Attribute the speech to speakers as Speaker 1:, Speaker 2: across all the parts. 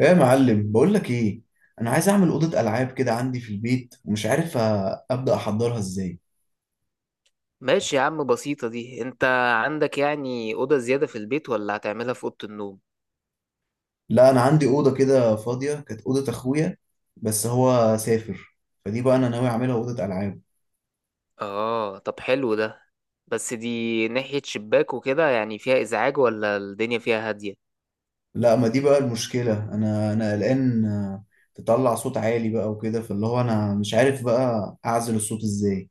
Speaker 1: ايه يا معلم؟ بقول لك ايه. انا عايز اعمل اوضه العاب كده عندي في البيت ومش عارف ابدا احضرها ازاي.
Speaker 2: ماشي يا عم، بسيطة دي. انت عندك يعني أوضة زيادة في البيت ولا هتعملها في أوضة النوم؟
Speaker 1: لا، انا عندي اوضه كده فاضيه كانت اوضه اخويا بس هو سافر. فدي بقى انا ناوي اعملها اوضه العاب.
Speaker 2: اه، طب حلو ده. بس دي ناحية شباك وكده، يعني فيها إزعاج ولا الدنيا فيها هادية؟
Speaker 1: لا، ما دي بقى المشكله، انا قلقان. تطلع صوت عالي بقى وكده، فاللي هو انا مش عارف بقى اعزل الصوت ازاي.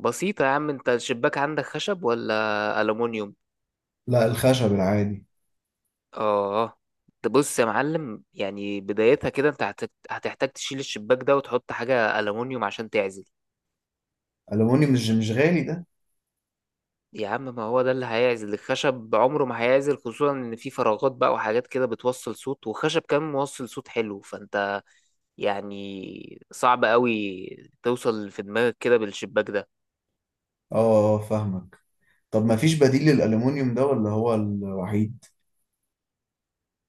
Speaker 2: بسيطة يا عم، انت الشباك عندك خشب ولا ألومنيوم؟
Speaker 1: لا، الخشب العادي.
Speaker 2: اه. تبص يا معلم، يعني بدايتها كده، انت هتحتاج تشيل الشباك ده وتحط حاجة ألومنيوم عشان تعزل.
Speaker 1: الومنيوم مش غالي ده؟
Speaker 2: يا عم، ما هو ده اللي هيعزل. الخشب عمره ما هيعزل، خصوصا ان في فراغات بقى وحاجات كده بتوصل صوت، وخشب كمان موصل صوت حلو. فانت يعني صعب قوي توصل في دماغك كده بالشباك ده.
Speaker 1: اه، فاهمك. طب ما فيش بديل للالومنيوم ده ولا هو الوحيد؟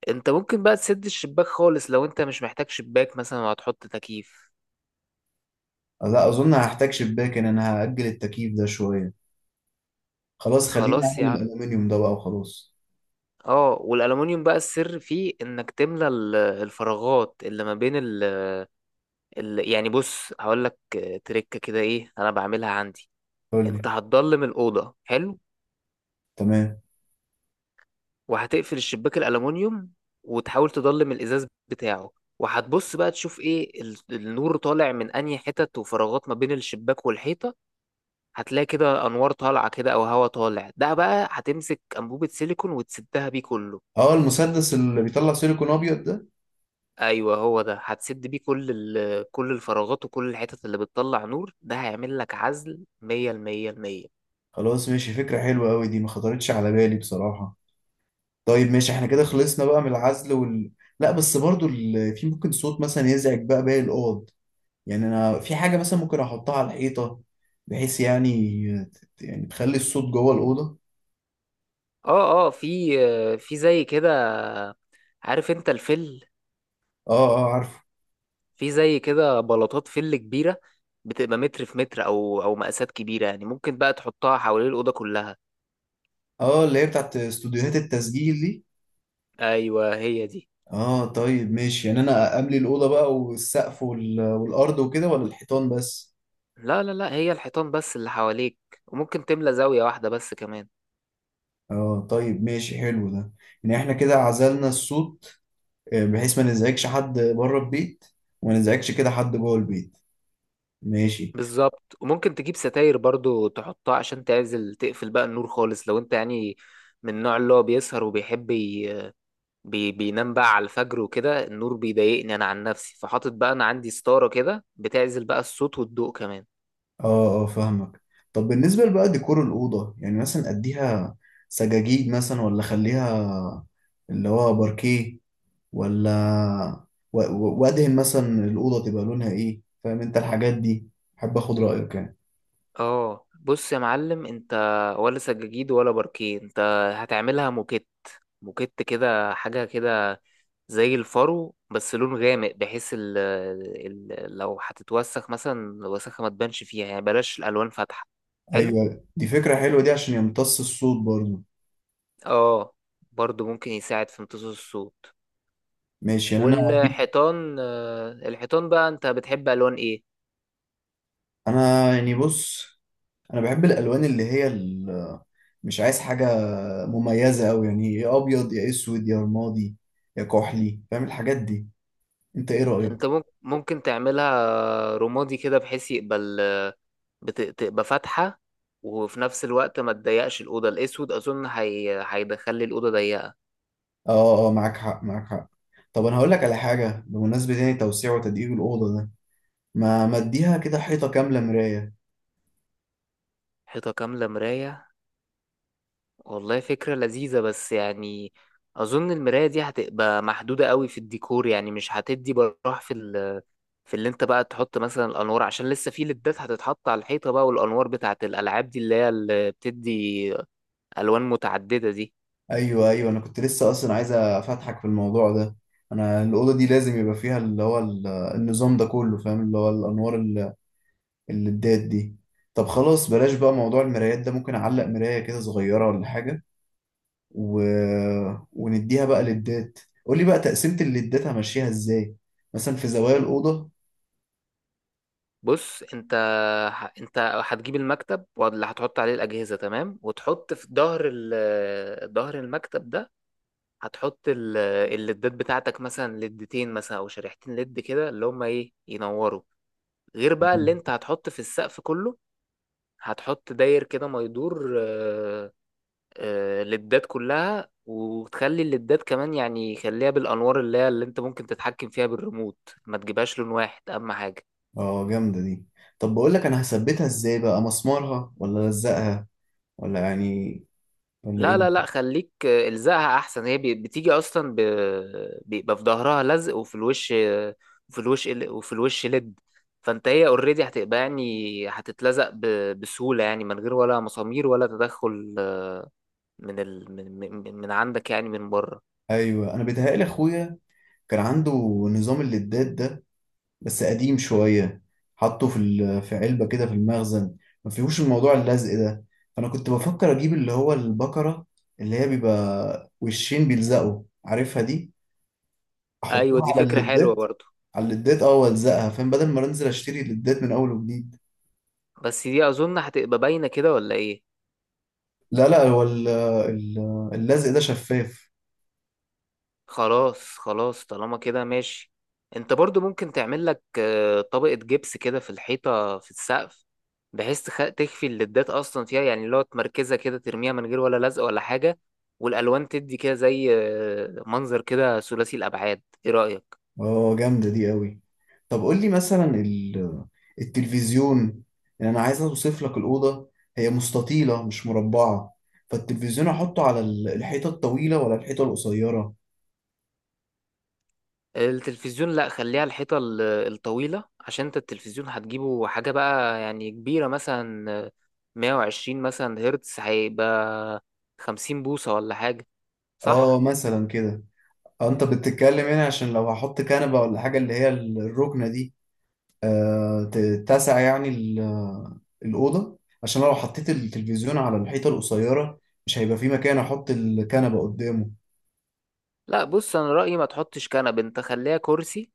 Speaker 2: انت ممكن بقى تسد الشباك خالص لو انت مش محتاج شباك مثلا وهتحط تكييف.
Speaker 1: لا، اظن هحتاج شباك، ان انا هاجل التكييف ده شويه. خلاص، خليني
Speaker 2: خلاص يا
Speaker 1: اعمل
Speaker 2: عم.
Speaker 1: الالومنيوم ده بقى وخلاص.
Speaker 2: اه، والالومنيوم بقى السر فيه انك تملى الفراغات اللي ما بين يعني بص، هقول لك. تريكه كده، ايه، انا بعملها عندي.
Speaker 1: قول لي.
Speaker 2: انت هتضلم الاوضه حلو،
Speaker 1: تمام.
Speaker 2: وهتقفل الشباك الالومنيوم، وتحاول تضلم الازاز بتاعه. وهتبص بقى تشوف ايه النور طالع من انهي حتت، وفراغات ما بين الشباك والحيطه. هتلاقي كده انوار طالعه كده او هوا طالع. ده بقى هتمسك انبوبه سيليكون وتسدها بيه كله.
Speaker 1: اه، المسدس اللي بيطلع سيليكون ابيض ده؟
Speaker 2: ايوه هو ده، هتسد بيه كل كل الفراغات وكل الحتت اللي بتطلع نور. ده هيعمل لك عزل 100 المية المية.
Speaker 1: خلاص ماشي، فكره حلوه قوي دي، ما خطرتش على بالي بصراحه. طيب ماشي، احنا كده خلصنا بقى من العزل وال. لا بس برضو في ممكن صوت مثلا يزعج بقى باقي الاوض. يعني انا في حاجه مثلا ممكن احطها على الحيطه، بحيث يعني، يعني تخلي الصوت جوه الاوضه.
Speaker 2: اه اه، في زي كده. عارف انت الفل؟
Speaker 1: اه اه، عارفه.
Speaker 2: في زي كده بلاطات فل كبيرة، بتبقى متر في متر أو مقاسات كبيرة. يعني ممكن بقى تحطها حوالين الأوضة كلها.
Speaker 1: اه، اللي هي بتاعت استوديوهات التسجيل دي.
Speaker 2: أيوه، هي دي.
Speaker 1: اه طيب ماشي، يعني انا املي الاوضه بقى والسقف والارض وكده ولا الحيطان بس؟
Speaker 2: لا، هي الحيطان بس اللي حواليك. وممكن تملى زاوية واحدة بس كمان.
Speaker 1: اه طيب ماشي، حلو ده. يعني احنا كده عزلنا الصوت، بحيث ما نزعجش حد بره البيت وما نزعجش كده حد جوه البيت. ماشي.
Speaker 2: بالظبط. وممكن تجيب ستاير برضو تحطها عشان تعزل، تقفل بقى النور خالص لو انت يعني من النوع اللي هو بيسهر وبيحب بينام بقى على الفجر وكده. النور بيضايقني انا عن نفسي، فحاطط بقى انا عندي ستارة كده بتعزل بقى الصوت والضوء كمان.
Speaker 1: اه اه، فاهمك. طب بالنسبه بقى ديكور الاوضه، يعني مثلا اديها سجاجيد مثلا، ولا خليها اللي هو باركيه، ولا وادهن مثلا الاوضه تبقى لونها ايه، فاهم انت الحاجات دي؟ حابب اخد رايك يعني.
Speaker 2: اه، بص يا معلم، انت ولا سجاجيد ولا باركيه. انت هتعملها موكيت. موكيت كده، حاجة كده زي الفرو، بس لون غامق، بحيث ال لو هتتوسخ مثلا الوسخة ما تبانش فيها. يعني بلاش الألوان فاتحة. حلو.
Speaker 1: ايوه، دي فكرة حلوة دي عشان يمتص الصوت برضه.
Speaker 2: اه، برضو ممكن يساعد في امتصاص الصوت.
Speaker 1: ماشي، يعني انا هجيب.
Speaker 2: والحيطان، الحيطان بقى، انت بتحب ألوان ايه؟
Speaker 1: انا يعني بص، انا بحب الالوان اللي هي مش عايز حاجة مميزة قوي، يعني يا ابيض يا اسود يا رمادي يا كحلي، فاهم الحاجات دي. انت ايه رأيك؟
Speaker 2: انت ممكن تعملها رمادي كده، بحيث يقبل، بتبقى فاتحة، وفي نفس الوقت ما تضيقش الأوضة. الأسود أظن هيدخلي الأوضة ضيقة.
Speaker 1: اه اه، معاك حق معاك حق. طب انا هقول لك على حاجة بمناسبة يعني توسيع وتدقيق الأوضة ده. ما اديها كده حيطة كاملة مراية؟
Speaker 2: حيطة كاملة مراية؟ والله فكرة لذيذة، بس يعني أظن المراية دي هتبقى محدودة قوي في الديكور. يعني مش هتدي براح في في اللي انت بقى تحط مثلا الأنوار، عشان لسه في ليدات هتتحط على الحيطة بقى، والأنوار بتاعت الألعاب دي اللي هي اللي بتدي ألوان متعددة دي.
Speaker 1: ايوه ايوه، انا كنت لسه اصلا عايز افتحك في الموضوع ده. انا الاوضه دي لازم يبقى فيها اللي هو النظام ده كله، فاهم، اللي هو الانوار اللي الدات دي. طب خلاص بلاش بقى موضوع المرايات ده، ممكن اعلق مرايه كده صغيره ولا حاجه و... ونديها بقى للدات. قولي بقى تقسيمه الليدات همشيها ازاي، مثلا في زوايا الاوضه.
Speaker 2: بص انت، انت هتجيب المكتب واللي هتحط عليه الاجهزه، تمام، وتحط في ظهر ظهر المكتب ده. هتحط الليدات بتاعتك، مثلا ليدتين مثلا او شريحتين ليد كده، اللي هما ايه، ينوروا. غير بقى اللي انت هتحط في السقف كله. هتحط داير كده ما يدور، ليدات كلها. وتخلي الليدات كمان، يعني خليها بالانوار اللي هي اللي انت ممكن تتحكم فيها بالريموت. ما تجيبهاش لون واحد، اهم حاجه.
Speaker 1: اه، جامده دي. طب بقول لك انا هثبتها ازاي بقى، مسمارها ولا الزقها، ولا يعني، ولا
Speaker 2: لا
Speaker 1: ايه؟
Speaker 2: لا لا خليك، الزقها احسن. هي بتيجي اصلا بيبقى في ظهرها لزق، وفي الوش، وفي الوش وفي الوش لد. فانت هي اوريدي هتبقى يعني هتتلزق بسهولة، يعني من غير ولا مسامير ولا تدخل، من من عندك، يعني من بره.
Speaker 1: ايوه، انا بيتهيألي اخويا كان عنده نظام اللدات ده بس قديم شوية، حطه في في علبة كده في المخزن، ما فيهوش الموضوع اللزق ده. فأنا كنت بفكر أجيب اللي هو البكرة اللي هي بيبقى وشين بيلزقوا، عارفها دي،
Speaker 2: ايوه،
Speaker 1: أحطها
Speaker 2: دي
Speaker 1: على
Speaker 2: فكرة حلوة
Speaker 1: اللدات.
Speaker 2: برضو.
Speaker 1: على اللدات وألزقها، فاهم، بدل ما أنزل أشتري اللدات من أول وجديد.
Speaker 2: بس دي اظن هتبقى باينة كده ولا ايه؟
Speaker 1: لا لا، هو اللزق ده شفاف.
Speaker 2: خلاص، طالما كده ماشي. انت برضو ممكن تعمل لك طبقة جبس كده في الحيطة في السقف، بحيث تخفي الليدات اصلا فيها. يعني اللي هو تمركزها كده، ترميها من غير ولا لزق ولا حاجة. والالوان تدي كده زي منظر كده ثلاثي الابعاد. ايه رأيك؟
Speaker 1: اه، جامدة دي قوي. طب قول لي مثلا التلفزيون، يعني انا عايز اوصف لك الأوضة. هي مستطيلة مش مربعة، فالتلفزيون احطه على الحيطة الطويلة ولا الحيطة القصيرة؟
Speaker 2: التلفزيون، لا خليها الحيطة الطويلة، عشان انت التلفزيون هتجيبه حاجة بقى يعني كبيرة، مثلا 120 مثلا هرتز، هيبقى 50 بوصة ولا حاجة.
Speaker 1: اه
Speaker 2: صح؟
Speaker 1: مثلا كده. انت بتتكلم هنا عشان لو هحط كنبة ولا حاجة اللي هي الركنة دي تتسع، يعني الأوضة، عشان لو حطيت التلفزيون على الحيطة القصيرة مش هيبقى في مكان احط الكنبة قدامه.
Speaker 2: لا، بص انا رأيي ما تحطش كنب، انت خليها كرسي.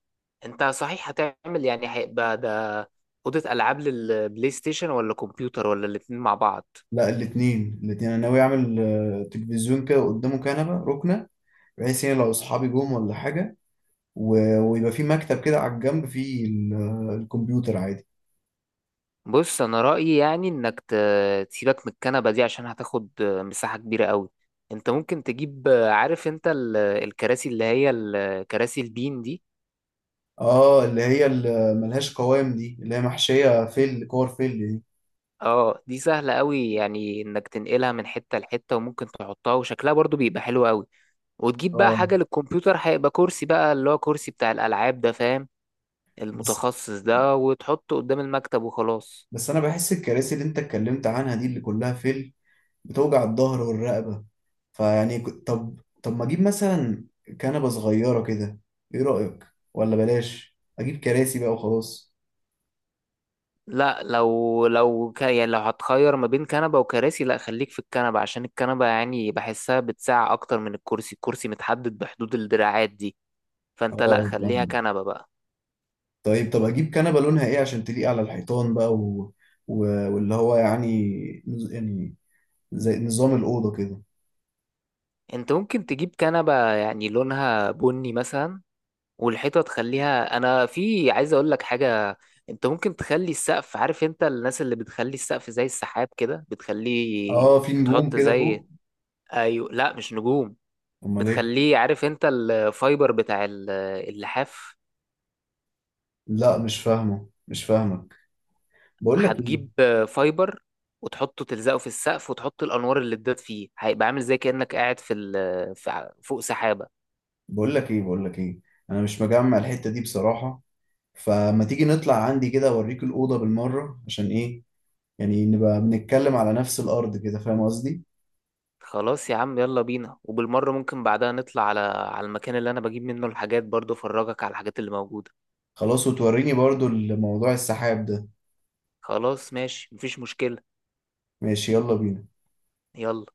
Speaker 2: انت صحيح هتعمل يعني، هيبقى ده أوضة ألعاب للبلاي ستيشن ولا كمبيوتر ولا الاتنين مع بعض؟
Speaker 1: لا، الاثنين الاثنين، انا ناوي اعمل تلفزيون كده قدامه كنبه ركنه، بحيث يعني لو اصحابي جم ولا حاجه، ويبقى في مكتب كده على الجنب فيه الكمبيوتر عادي.
Speaker 2: بص انا رأيي، يعني انك تسيبك من الكنبة دي عشان هتاخد مساحة كبيرة قوي. انت ممكن تجيب، عارف انت الكراسي اللي هي الكراسي البين دي.
Speaker 1: اه، اللي هي اللي ملهاش قوام دي، اللي هي محشيه فل كور فل دي.
Speaker 2: اه، دي سهلة قوي يعني، انك تنقلها من حتة لحتة، وممكن تحطها وشكلها برضو بيبقى حلو قوي. وتجيب بقى
Speaker 1: اه.
Speaker 2: حاجة للكمبيوتر، هيبقى كرسي بقى اللي هو كرسي بتاع الألعاب ده، فاهم،
Speaker 1: بس
Speaker 2: المتخصص ده، وتحطه قدام المكتب وخلاص.
Speaker 1: بس انا بحس الكراسي اللي انت اتكلمت عنها دي اللي كلها فل بتوجع الظهر والرقبه. فيعني طب ما اجيب مثلا كنبه صغيره كده، ايه رايك؟ ولا بلاش اجيب كراسي بقى وخلاص.
Speaker 2: لا، لو يعني لو هتخير ما بين كنبة وكراسي، لا خليك في الكنبة، عشان الكنبة يعني بحسها بتساع أكتر من الكرسي. الكرسي متحدد بحدود الدراعات دي. فأنت لا،
Speaker 1: اه
Speaker 2: خليها
Speaker 1: فاهم.
Speaker 2: كنبة بقى.
Speaker 1: طيب، طب اجيب كنبه لونها ايه عشان تليق على الحيطان بقى و... واللي هو يعني يعني زي نظام الاوضه كده.
Speaker 2: أنت ممكن تجيب كنبة يعني لونها بني مثلا. والحيطه تخليها، انا في عايز اقول لك حاجه. انت ممكن تخلي السقف، عارف انت الناس اللي بتخلي السقف زي السحاب كده، بتخليه.
Speaker 1: اه، في نجوم
Speaker 2: بتحط
Speaker 1: كده
Speaker 2: زي،
Speaker 1: فوق.
Speaker 2: ايوه لا مش نجوم.
Speaker 1: امال ايه؟
Speaker 2: بتخليه، عارف انت الفايبر بتاع اللحاف.
Speaker 1: لا، مش فاهمك. بقول لك ايه،
Speaker 2: هتجيب فايبر وتحطه، تلزقه في السقف، وتحط الانوار اللي اتداد فيه، هيبقى عامل زي كانك قاعد في فوق سحابه.
Speaker 1: بقول لك ايه، بقول لك ايه، انا مش مجمع الحته دي بصراحه. فما تيجي نطلع عندي كده اوريك الاوضه بالمره، عشان ايه، يعني نبقى بنتكلم على نفس الارض كده، فاهم قصدي.
Speaker 2: خلاص يا عم، يلا بينا. وبالمره ممكن بعدها نطلع على المكان اللي انا بجيب منه الحاجات برضه، افرجك على الحاجات اللي موجوده.
Speaker 1: خلاص، وتوريني برضو الموضوع السحاب ده.
Speaker 2: خلاص ماشي، مفيش مشكلة.
Speaker 1: ماشي، يلا بينا.
Speaker 2: يلا.